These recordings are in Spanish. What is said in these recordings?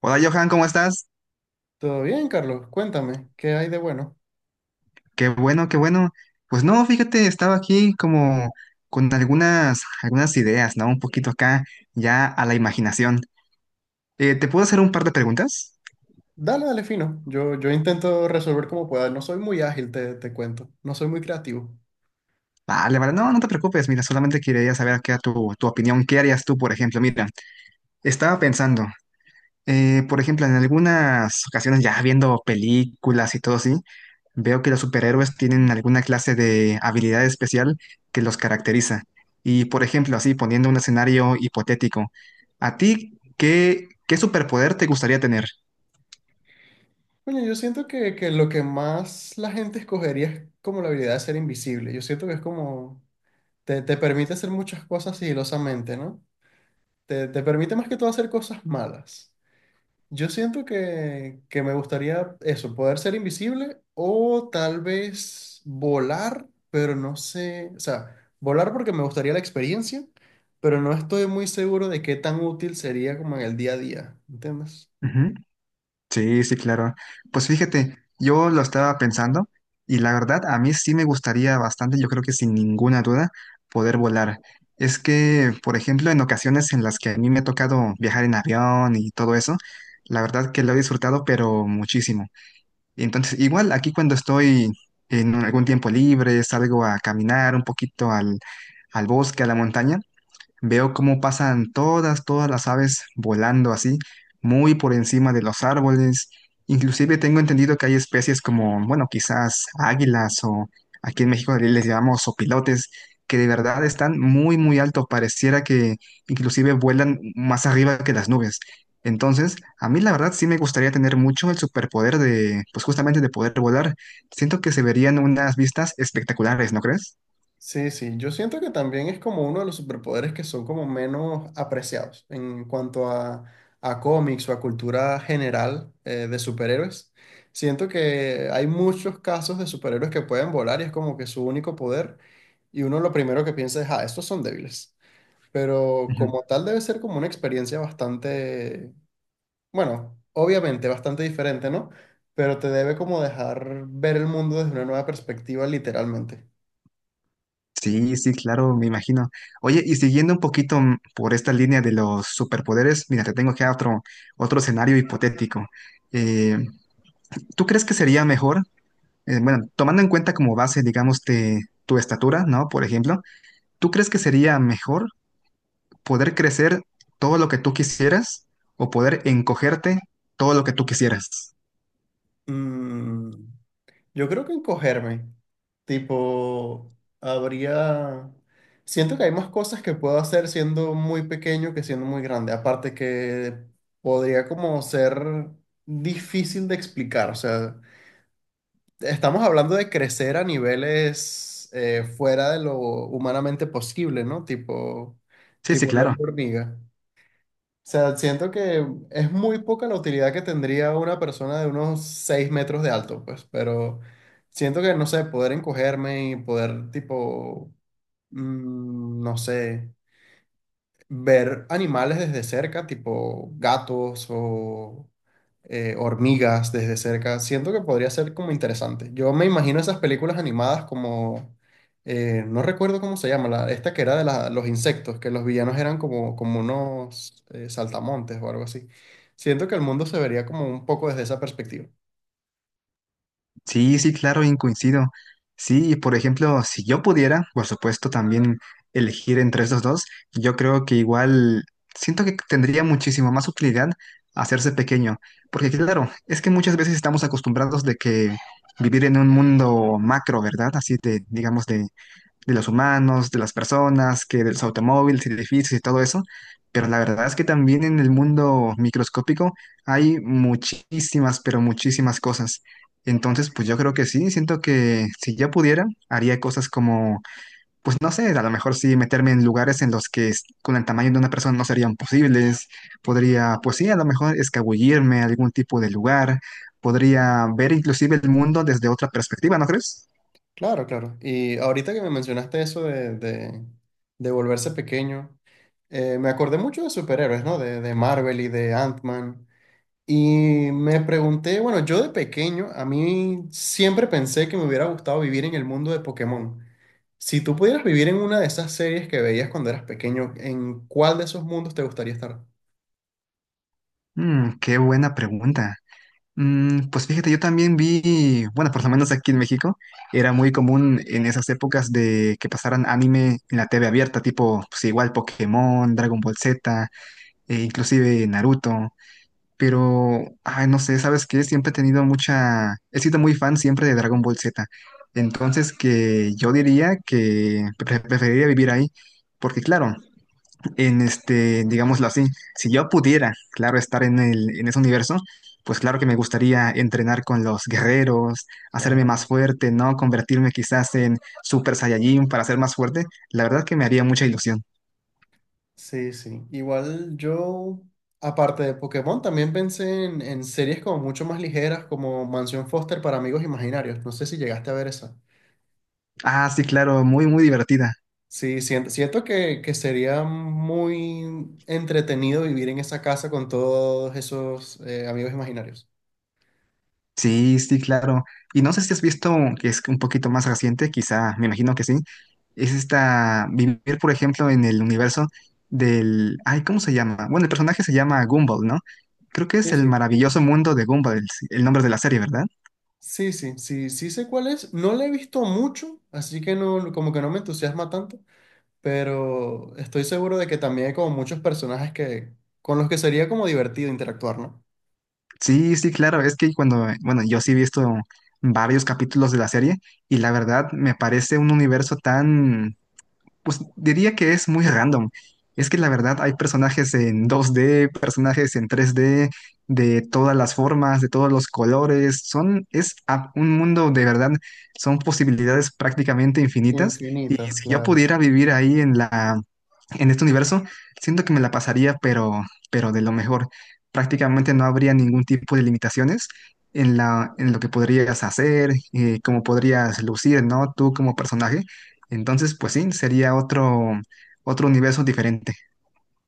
Hola Johan, ¿cómo estás? Todo bien, Carlos. Cuéntame, ¿qué hay de bueno? Qué bueno, qué bueno. Pues no, fíjate, estaba aquí como con algunas ideas, ¿no? Un poquito acá, ya a la imaginación. ¿Te puedo hacer un par de preguntas? Dale, dale, fino. Yo intento resolver como pueda. No soy muy ágil, te cuento. No soy muy creativo. Vale, vale, no, no te preocupes, mira, solamente quería saber qué era tu opinión, ¿qué harías tú, por ejemplo? Mira, estaba pensando. Por ejemplo, en algunas ocasiones ya viendo películas y todo así, veo que los superhéroes tienen alguna clase de habilidad especial que los caracteriza. Y por ejemplo, así poniendo un escenario hipotético, ¿a ti qué superpoder te gustaría tener? Bueno, yo siento que lo que más la gente escogería es como la habilidad de ser invisible. Yo siento que es como... Te permite hacer muchas cosas sigilosamente, ¿no? Te permite más que todo hacer cosas malas. Yo siento que me gustaría eso, poder ser invisible o tal vez volar, pero no sé, o sea, volar porque me gustaría la experiencia, pero no estoy muy seguro de qué tan útil sería como en el día a día, ¿entiendes? Sí, sí, claro. Pues fíjate, yo lo estaba pensando y la verdad a mí sí me gustaría bastante, yo creo que sin ninguna duda, poder volar. Es que, por ejemplo, en ocasiones en las que a mí me ha tocado viajar en avión y todo eso, la verdad que lo he disfrutado, pero muchísimo. Entonces, igual aquí cuando estoy algún tiempo libre, salgo a caminar un poquito al bosque, a la montaña. Veo cómo pasan todas las aves volando así, muy por encima de los árboles. Inclusive tengo entendido que hay especies como, bueno, quizás águilas o aquí en México les llamamos sopilotes que de verdad están muy alto. Pareciera que inclusive vuelan más arriba que las nubes. Entonces, a mí la verdad sí me gustaría tener mucho el superpoder de, pues justamente de poder volar. Siento que se verían unas vistas espectaculares, ¿no crees? Sí, sí, yo siento que también es como uno de los superpoderes que son como menos apreciados en cuanto a cómics o a cultura general de superhéroes. Siento que hay muchos casos de superhéroes que pueden volar y es como que su único poder y uno lo primero que piensa es, ah, estos son débiles. Pero como tal debe ser como una experiencia bastante, bueno, obviamente bastante diferente, ¿no? Pero te debe como dejar ver el mundo desde una nueva perspectiva literalmente. Sí, sí, claro, me imagino. Oye, y siguiendo un poquito por esta línea de los superpoderes, mira, te tengo acá otro escenario hipotético. Eh, ¿Tú crees que sería mejor, bueno, tomando en cuenta como base, digamos, de tu estatura, ¿no? Por ejemplo, ¿tú crees que sería mejor poder crecer todo lo que tú quisieras o poder encogerte todo lo que tú quisieras? Mm, Yo creo que encogerme, tipo, habría... Siento que hay más cosas que puedo hacer siendo muy pequeño que siendo muy grande. Aparte que podría como ser difícil de explicar. O sea, estamos hablando de crecer a niveles fuera de lo humanamente posible, ¿no? Tipo, Sí, sí, tipo la claro. hormiga. O sea, siento que es muy poca la utilidad que tendría una persona de unos 6 metros de alto, pues, pero siento que, no sé, poder encogerme y poder, tipo, no sé ver animales desde cerca, tipo gatos o hormigas desde cerca, siento que podría ser como interesante. Yo me imagino esas películas animadas como, no recuerdo cómo se llama, la, esta que era de los insectos, que los villanos eran como, como unos saltamontes o algo así. Siento que el mundo se vería como un poco desde esa perspectiva. Sí, sí, claro, bien coincido. Sí, por ejemplo, si yo pudiera, por supuesto, también elegir entre estos dos, yo creo que igual siento que tendría muchísimo más utilidad hacerse pequeño, porque claro, es que muchas veces estamos acostumbrados de que vivir en un mundo macro, ¿verdad? Así de, digamos, de los humanos, de las personas, que de los automóviles, edificios y todo eso, pero la verdad es que también en el mundo microscópico hay muchísimas, pero muchísimas cosas. Entonces, pues yo creo que sí, siento que si yo pudiera, haría cosas como, pues no sé, a lo mejor sí meterme en lugares en los que con el tamaño de una persona no serían posibles, podría, pues sí, a lo mejor escabullirme a algún tipo de lugar, podría ver inclusive el mundo desde otra perspectiva, ¿no crees? Claro, claro. Y ahorita que me mencionaste eso de volverse pequeño, me acordé mucho de superhéroes, ¿no? De Marvel y de Ant-Man. Y me pregunté, bueno, yo de pequeño, a mí siempre pensé que me hubiera gustado vivir en el mundo de Pokémon. Si tú pudieras vivir en una de esas series que veías cuando eras pequeño, ¿en cuál de esos mundos te gustaría estar? Mm, qué buena pregunta. Mm, pues fíjate, yo también vi, bueno, por lo menos aquí en México, era muy común en esas épocas de que pasaran anime en la TV abierta, tipo, pues igual Pokémon, Dragon Ball Z, e inclusive Naruto, pero, ay, no sé, ¿sabes qué? Siempre he tenido mucha, he sido muy fan siempre de Dragon Ball Z, entonces que yo diría que preferiría vivir ahí, porque claro, en este, digámoslo así, si yo pudiera, claro, estar en en ese universo, pues claro que me gustaría entrenar con los guerreros, hacerme Claro. más fuerte, ¿no? Convertirme quizás en Super Saiyajin para ser más fuerte. La verdad que me haría mucha ilusión. Sí, sí. Igual yo, aparte de Pokémon, también pensé en series como mucho más ligeras, como Mansión Foster para amigos imaginarios. No sé si llegaste a ver esa. Ah, sí, claro, muy divertida. Sí, siento, siento que sería muy entretenido vivir en esa casa con todos esos amigos imaginarios. Sí, sí, claro. Y no sé si has visto que es un poquito más reciente, quizá, me imagino que sí. Es esta, vivir, por ejemplo, en el universo del, ay, ¿cómo se llama? Bueno, el personaje se llama Gumball, ¿no? Creo que es Sí, el sí. maravilloso mundo de Gumball, el nombre de la serie, ¿verdad? Sí, sí, sí, sí sé cuál es. No la he visto mucho, así que no, como que no me entusiasma tanto, pero estoy seguro de que también hay como muchos personajes que, con los que sería como divertido interactuar, ¿no? Sí, sí, claro. Es que cuando, bueno, yo sí he visto varios capítulos de la serie y la verdad me parece un universo tan. Pues diría que es muy random. Es que la verdad hay personajes en 2D, personajes en 3D, de todas las formas, de todos los colores. Son, un mundo de verdad, son posibilidades prácticamente infinitas. Y Infinitas, si yo claro. pudiera vivir ahí en en este universo, siento que me la pasaría, pero de lo mejor. Prácticamente no habría ningún tipo de limitaciones en en lo que podrías hacer, cómo podrías lucir, ¿no? Tú como personaje. Entonces, pues sí, sería otro universo diferente.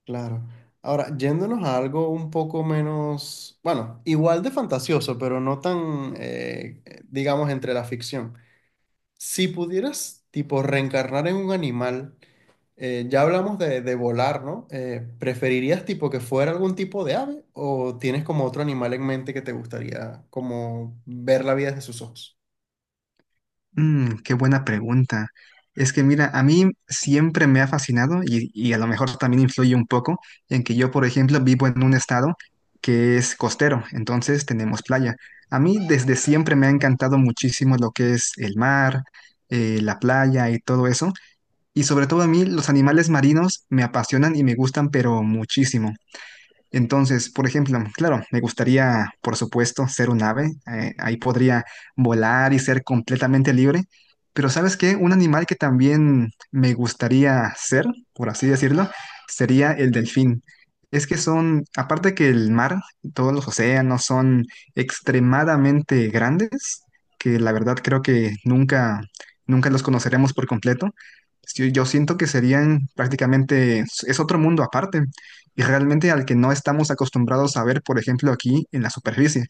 Claro. Ahora, yéndonos a algo un poco menos, bueno, igual de fantasioso, pero no tan, digamos, entre la ficción. Si pudieras, tipo, reencarnar en un animal, ya hablamos de volar, ¿no? ¿Preferirías, tipo, que fuera algún tipo de ave o tienes como otro animal en mente que te gustaría, como, ver la vida desde sus ojos? Mm, qué buena pregunta. Es que mira, a mí siempre me ha fascinado y a lo mejor también influye un poco en que yo, por ejemplo, vivo en un estado que es costero, entonces tenemos playa. A mí desde siempre me ha encantado muchísimo lo que es el mar, la playa y todo eso. Y sobre todo a mí los animales marinos me apasionan y me gustan, pero muchísimo. Entonces, por ejemplo, claro, me gustaría, por supuesto, ser un ave. Ahí podría volar y ser completamente libre. Pero ¿sabes qué? Un animal que también me gustaría ser, por así decirlo, sería el delfín. Es que son, aparte que el mar, todos los océanos son extremadamente grandes, que la verdad creo que nunca, nunca los conoceremos por completo. Yo siento que serían prácticamente, es otro mundo aparte y realmente al que no estamos acostumbrados a ver, por ejemplo, aquí en la superficie.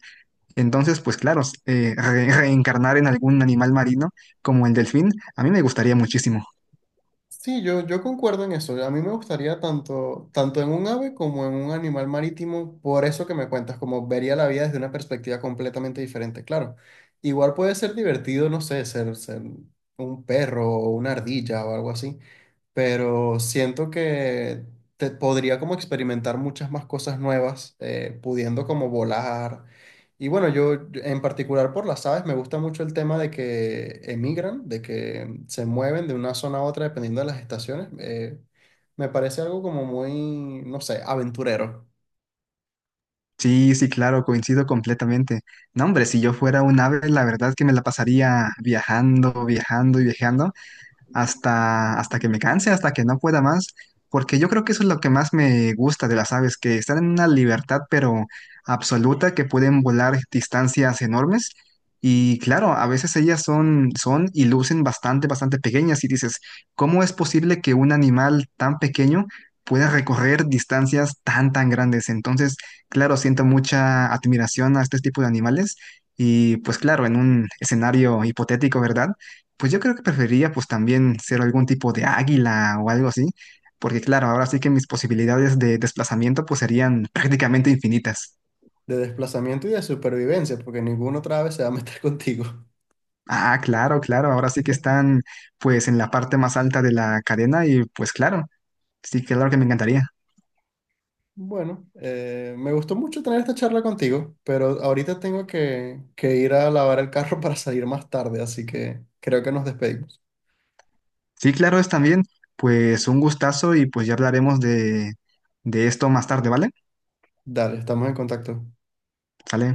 Entonces, pues claro, reencarnar en algún animal marino como el delfín, a mí me gustaría muchísimo. Sí, yo concuerdo en eso. A mí me gustaría tanto, tanto en un ave como en un animal marítimo, por eso que me cuentas, como vería la vida desde una perspectiva completamente diferente, claro. Igual puede ser divertido, no sé, ser, ser un perro o una ardilla o algo así, pero siento que te podría como experimentar muchas más cosas nuevas, pudiendo como volar y bueno, yo en particular por las aves me gusta mucho el tema de que emigran, de que se mueven de una zona a otra dependiendo de las estaciones. Me parece algo como muy, no sé, aventurero, Sí, sí, claro, coincido completamente. No, hombre, si yo fuera un ave, la verdad que me la pasaría viajando, viajando y viajando hasta que me canse, hasta que no pueda más, porque yo creo que eso es lo que más me gusta de las aves, que están en una libertad pero absoluta, que pueden volar distancias enormes. Y claro, a veces ellas son y lucen bastante, bastante pequeñas y dices, ¿cómo es posible que un animal tan pequeño pueda recorrer distancias tan grandes? Entonces, claro, siento mucha admiración a este tipo de animales y pues claro, en un escenario hipotético, ¿verdad? Pues yo creo que preferiría pues también ser algún tipo de águila o algo así, porque claro, ahora sí que mis posibilidades de desplazamiento pues serían prácticamente infinitas. de desplazamiento y de supervivencia, porque ninguna otra ave se va a meter contigo. Ah, claro, claro, ahora sí que están pues en la parte más alta de la cadena y pues claro, sí, claro que me encantaría. Bueno, me gustó mucho tener esta charla contigo, pero ahorita tengo que ir a lavar el carro para salir más tarde, así que creo que nos despedimos. Sí, claro, es también pues un gustazo y pues ya hablaremos de esto más tarde, ¿vale? Dale, estamos en contacto. ¿Sale?